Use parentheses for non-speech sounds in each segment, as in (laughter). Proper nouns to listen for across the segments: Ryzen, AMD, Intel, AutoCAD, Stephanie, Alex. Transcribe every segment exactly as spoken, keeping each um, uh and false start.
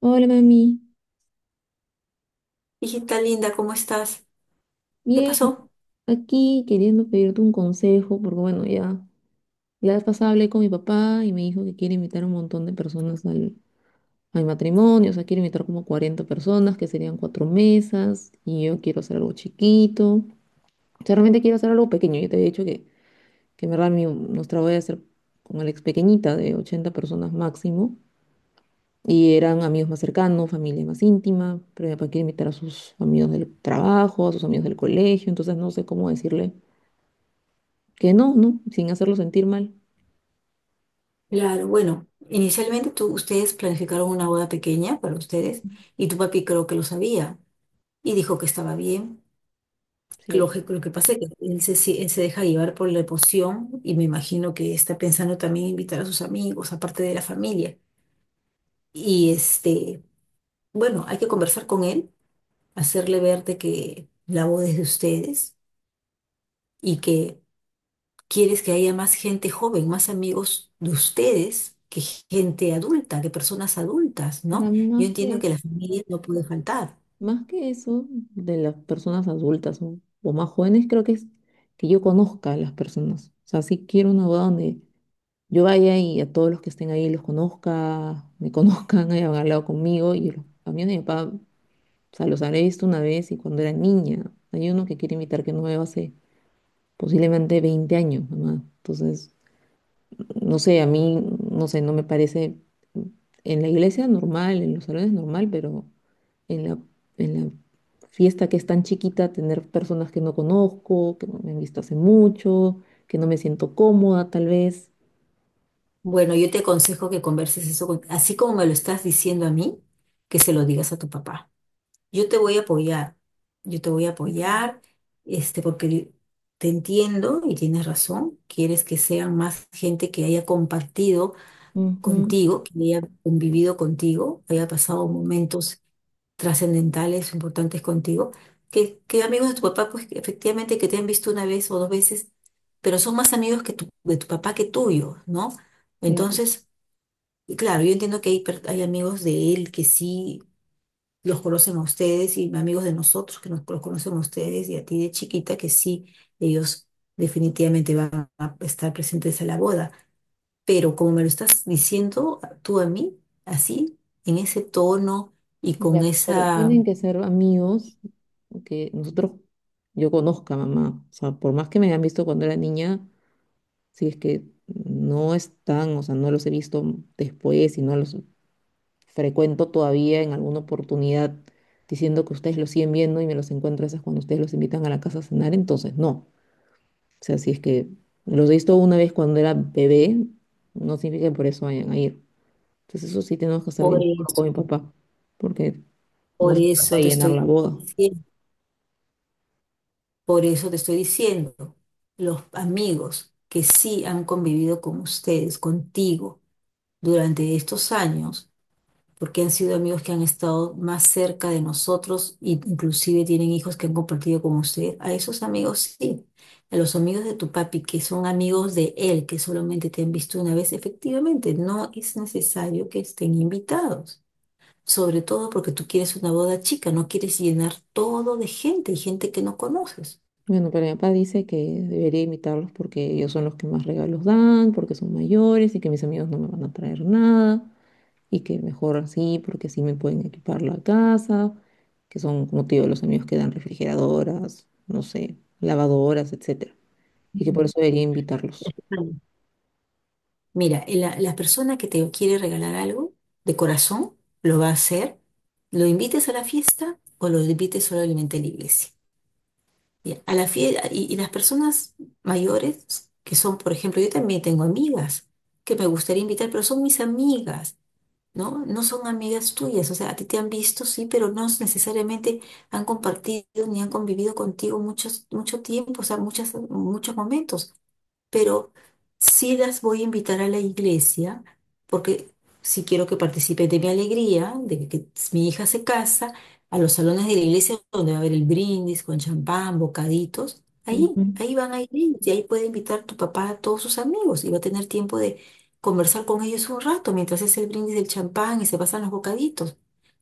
Hola mami, Hijita linda, ¿cómo estás? ¿Qué bien, pasó? aquí queriendo pedirte un consejo, porque bueno, ya la vez pasada hablé con mi papá y me dijo que quiere invitar a un montón de personas al, a mi matrimonio, o sea, quiere invitar como cuarenta personas, que serían cuatro mesas, y yo quiero hacer algo chiquito, o sea, realmente quiero hacer algo pequeño, yo te había dicho que, que en verdad mi, nuestra voy a hacer con Alex pequeñita, de ochenta personas máximo, y eran amigos más cercanos, familia más íntima, pero mi papá quiere invitar a sus amigos del trabajo, a sus amigos del colegio, entonces no sé cómo decirle Que no, no, sin hacerlo sentir mal. Claro, bueno, inicialmente tú, ustedes planificaron una boda pequeña para ustedes y tu papi creo que lo sabía y dijo que estaba bien. Sí, Lo que, lo que pasa es que él se, si- él se deja llevar por la emoción y me imagino que está pensando también invitar a sus amigos, aparte de la familia. Y este, bueno, hay que conversar con él, hacerle ver de que la boda es de ustedes y que quieres que haya más gente joven, más amigos de ustedes que gente adulta, que personas adultas, o sea, ¿no? más Yo entiendo que, que la familia no puede faltar. más que eso de las personas adultas o, o más jóvenes, creo que es que yo conozca a las personas. O sea, sí quiero una boda donde yo vaya y a todos los que estén ahí los conozca, me conozcan, (laughs) hayan hablado conmigo. Y los, a mí a mi papá, o sea, los habré visto una vez y cuando era niña. Hay uno que quiere invitar que no veo hace posiblemente veinte años, mamá. Entonces, no sé, a mí, no sé, no me parece en la iglesia normal, en los salones normal, pero en la, en la fiesta que es tan chiquita, tener personas que no conozco, que no me han visto hace mucho, que no me siento cómoda tal vez. Bueno, yo te aconsejo que converses eso con- así como me lo estás diciendo a mí, que se lo digas a tu papá. Yo te voy a apoyar, yo te voy a apoyar, este, porque te entiendo y tienes razón, quieres que sean más gente que haya compartido Ujú, contigo, que haya convivido contigo, haya pasado momentos trascendentales, importantes contigo, que, que amigos de tu papá, pues que efectivamente que te han visto una vez o dos veces, pero son más amigos que tu- de tu papá que tuyo, ¿no? claro, Entonces, y claro, yo entiendo que hay, per- hay amigos de él que sí los conocen a ustedes y amigos de nosotros que nos, los conocen a ustedes y a ti de chiquita que sí, ellos definitivamente van a estar presentes en la boda, pero como me lo estás diciendo tú a mí, así, en ese tono y con ya, pero esa... tienen que ser amigos que nosotros, yo conozca, mamá. O sea, por más que me hayan visto cuando era niña, si es que no están, o sea, no los he visto después y no los frecuento todavía en alguna oportunidad diciendo que ustedes los siguen viendo y me los encuentro esas cuando ustedes los invitan a la casa a cenar, entonces no. O sea, si es que los he visto una vez cuando era bebé, no significa que por eso vayan a ir. Entonces eso sí tenemos que estar por bien de acuerdo eso, con mi papá, porque no por se trata eso de te llenar la estoy boda. diciendo, por eso te estoy diciendo, los amigos que sí han convivido con ustedes, contigo, durante estos años, porque han sido amigos que han estado más cerca de nosotros e inclusive tienen hijos que han compartido con usted. A esos amigos sí, a los amigos de tu papi que son amigos de él, que solamente te han visto una vez, efectivamente, no es necesario que estén invitados. Sobre todo porque tú quieres una boda chica, no quieres llenar todo de gente y gente que no conoces. Bueno, pero mi papá dice que debería invitarlos porque ellos son los que más regalos dan, porque son mayores y que mis amigos no me van a traer nada. y que mejor así, porque así me pueden equipar la casa, que son, como te digo, los amigos que dan refrigeradoras, no sé, lavadoras, etcétera, y que Mm. por eso debería invitarlos. Vale. Mira, la, la persona que te quiere regalar algo de corazón lo va a hacer, lo invites a la fiesta o lo invites solamente a la iglesia. Ya, A la fie- y, y las personas mayores, que son, por ejemplo, yo también tengo amigas que me gustaría invitar, pero son mis amigas, ¿no? No son amigas tuyas, o sea, a ti te han visto, sí, pero no necesariamente han compartido ni han convivido contigo muchos, mucho tiempo, o sea, muchas, muchos momentos, pero sí las voy a invitar a la iglesia porque sí quiero que participen de mi alegría, de que mi hija se casa, a los salones de la iglesia donde va a haber el brindis con champán, bocaditos. Ahí, Ujú. ahí van a ir ellos, y ahí puede invitar tu papá a todos sus amigos y va a tener tiempo de conversar con ellos un rato mientras hace el brindis del champán y se pasan los bocaditos.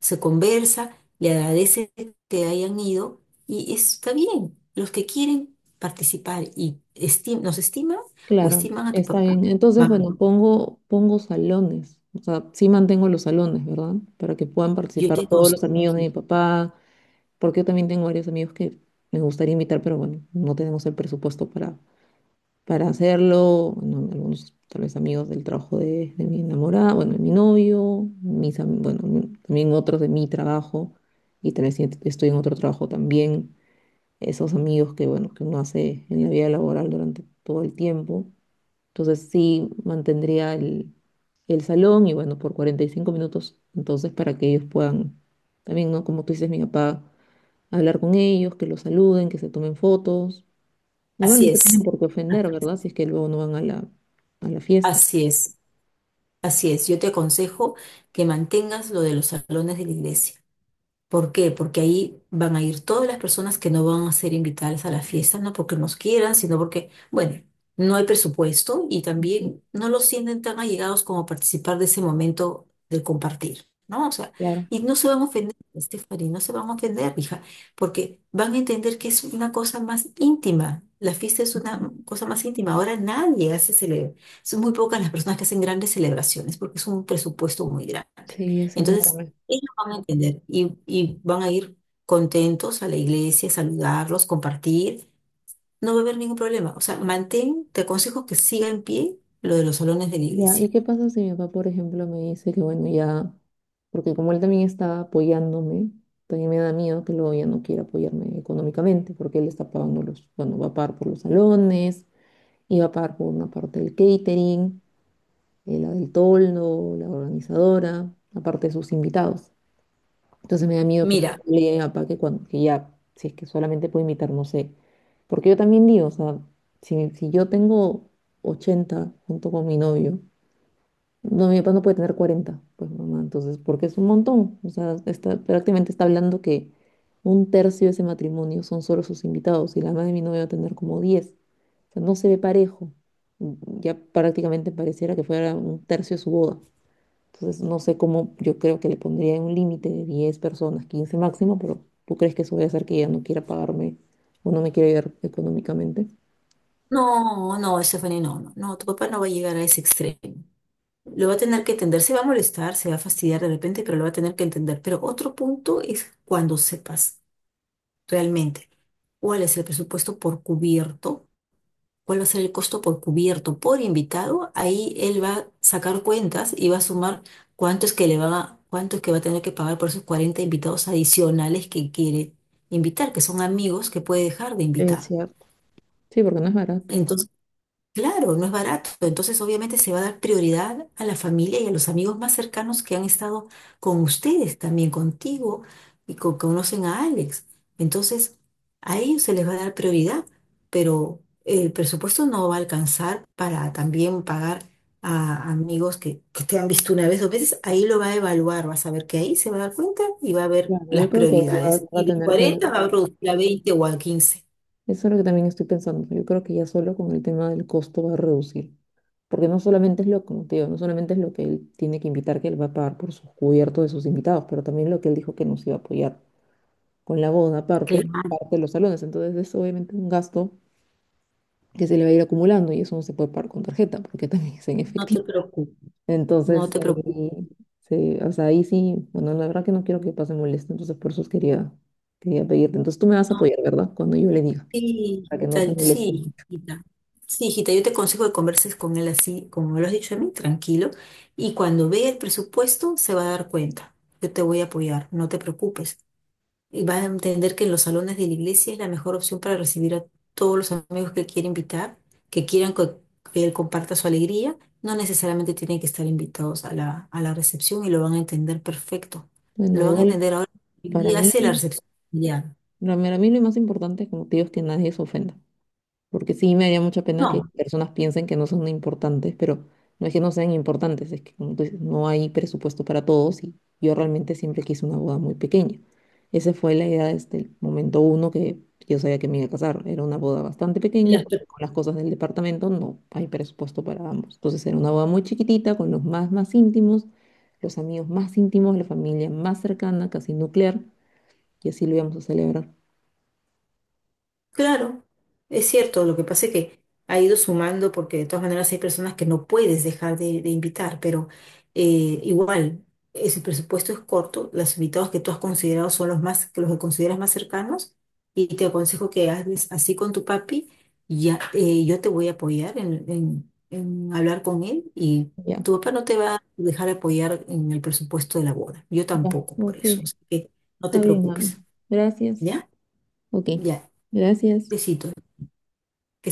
Se conversa, le agradece que hayan ido y está bien. Los que quieren participar y esti- nos estiman o Claro, estiman a tu está papá, bien. Entonces, mamá, bueno, pongo, pongo salones, o sea, sí mantengo los salones, ¿verdad? Para que puedan yo te participar todos aconsejo los amigos de que- mi papá, porque yo también tengo varios amigos que me gustaría invitar, pero bueno, no tenemos el presupuesto para para hacerlo, bueno, algunos tal vez amigos del trabajo de, de mi enamorada, bueno, de mi novio, mis, am- bueno, mi- también otros de mi trabajo, y tal vez si estoy en otro trabajo también, esos amigos que, bueno, que uno hace en la vida laboral durante todo el tiempo. Entonces sí mantendría el, el salón y bueno, por cuarenta y cinco minutos, entonces para que ellos puedan, también, ¿no? Como tú dices, mi papá, hablar con ellos, que los saluden, que se tomen fotos Igual así no se tienen es, por qué ofender, así es, ¿verdad? Si es que luego no van a la, a la fiesta. así es, así es, yo te aconsejo que mantengas lo de los salones de la iglesia. ¿Por qué? Porque ahí van a ir todas las personas que no van a ser invitadas a la fiesta, no porque nos quieran, sino porque, bueno, no hay presupuesto y también no los sienten tan allegados como participar de ese momento del compartir, ¿no? O sea, y no se van a ofender, Stephanie, no se van a ofender, hija, porque van a entender que es una cosa más íntima. La fiesta es una cosa más íntima. Ahora nadie hace celebrar. Son muy pocas las personas que hacen grandes celebraciones porque es un presupuesto muy grande. Sí, es Entonces, enorme. ellos van a entender y, y van a ir contentos a la iglesia, saludarlos, compartir. No va a haber ningún problema. O sea, mantén, te aconsejo que siga en pie lo de los salones de la Ya, iglesia. ¿y qué pasa si mi papá, por ejemplo, me dice que bueno, ya, porque como él también está apoyándome, también me da miedo que luego ya no quiera apoyarme económicamente, porque él está pagando los, bueno, va a pagar por los salones, y va a pagar por una parte del catering, eh, la del toldo, la organizadora, aparte de sus invitados. Entonces me da miedo que Mira, le diga a mi papá que, cuando, que ya, si es que solamente puedo imitar, no sé. Porque yo también digo, o sea, si, si yo tengo ochenta junto con mi novio, no, mi papá no puede tener cuarenta pues mamá, entonces, porque es un montón. O sea, está, prácticamente está hablando que un tercio de ese matrimonio son solo sus invitados y la madre de mi novio va a tener como diez O sea, no se ve parejo. Ya prácticamente pareciera que fuera un tercio de su boda. Entonces, no sé cómo, yo creo que le pondría un límite de diez personas, quince máximo, pero ¿tú crees que eso voy a hacer que ella no quiera pagarme o no me quiera ayudar económicamente? no, no, Stephanie, no, no, no, tu papá no va a llegar a ese extremo. Lo va a tener que entender, se va a molestar, se va a fastidiar de repente, pero lo va a tener que entender. Pero otro punto es cuando sepas realmente cuál es el presupuesto por cubierto, cuál va a ser el costo por cubierto, por invitado. Ahí él va a sacar cuentas y va a sumar cuánto es que le va a, cuánto es que va a tener que pagar por esos cuarenta invitados adicionales que quiere invitar, que son amigos que puede dejar de Es invitar. cierto. Sí, porque no es barato. Claro, no es barato. Entonces, obviamente, se va a dar prioridad a la familia y a los amigos más cercanos que han estado con ustedes, también contigo y con, conocen a Alex. Entonces, a ellos se les va a dar prioridad, pero el presupuesto no va a alcanzar para también pagar a amigos que, que te han visto una vez o veces. Ahí lo va a evaluar, vas a ver que ahí se va a dar cuenta y va a ver Claro, yo las creo que ahí va, prioridades. va Y a de tener que cuarenta va a reducir a veinte o a quince. Eso es lo que también estoy pensando. Yo creo que ya solo con el tema del costo va a reducir. Porque no solamente es lo, como te digo, no solamente es lo que él tiene que invitar, que él va a pagar por sus cubiertos de sus invitados, pero también lo que él dijo que nos iba a apoyar con la boda aparte, Claro, aparte de los salones. Entonces es obviamente un gasto que se le va a ir acumulando y eso no se puede pagar con tarjeta porque también es en no efectivo. te preocupes, no Entonces, te preocupes. eh, se- o sea, ahí sí, bueno, la verdad que no quiero que pase molesta, entonces por eso quería, quería pedirte. Entonces tú me vas a apoyar, ¿verdad? Cuando yo le diga, Sí, para que no hijita, se moleste. sí, hijita. Sí, hijita, yo te aconsejo que converses con él así, como me lo has dicho a mí, tranquilo. Y cuando vea el presupuesto, se va a dar cuenta. Yo te voy a apoyar, no te preocupes. Y vas a entender que en los salones de la iglesia es la mejor opción para recibir a todos los amigos que quiere invitar, que quieran co- que él comparta su alegría. No necesariamente tienen que estar invitados a la, a la recepción y lo van a entender perfecto. Bueno, Lo van a igual entender ahora. Hoy para día mí, hace la recepción. Familiar. para mí lo más importante, como te digo, es que nadie se ofenda. Porque sí me haría mucha pena que No. personas piensen que no son importantes, pero no es que no sean importantes, es que como tú dices, no hay presupuesto para todos y yo realmente siempre quise una boda muy pequeña. Esa fue la idea desde el momento uno que yo sabía que me iba a casar. Era una boda bastante pequeña Las... porque con las cosas del departamento no hay presupuesto para ambos. Entonces era una boda muy chiquitita con los más, más íntimos, los amigos más íntimos, la familia más cercana, casi nuclear, y así lo íbamos a celebrar. Claro, es cierto, lo que pasa es que ha ido sumando porque de todas maneras hay personas que no puedes dejar de, de invitar, pero eh, igual, ese presupuesto es corto, los invitados que tú has considerado son los más, que los que consideras más cercanos, y te aconsejo que hables así con tu papi, y ya, eh, yo te voy a apoyar en, en- en hablar con él, y Ya, tu papá no te va a dejar apoyar en el presupuesto de la boda, yo ya, tampoco por ok, eso, así que no te está bien, mami. preocupes, Gracias. ¿ya? Ok, Ya, gracias. besitos. Que.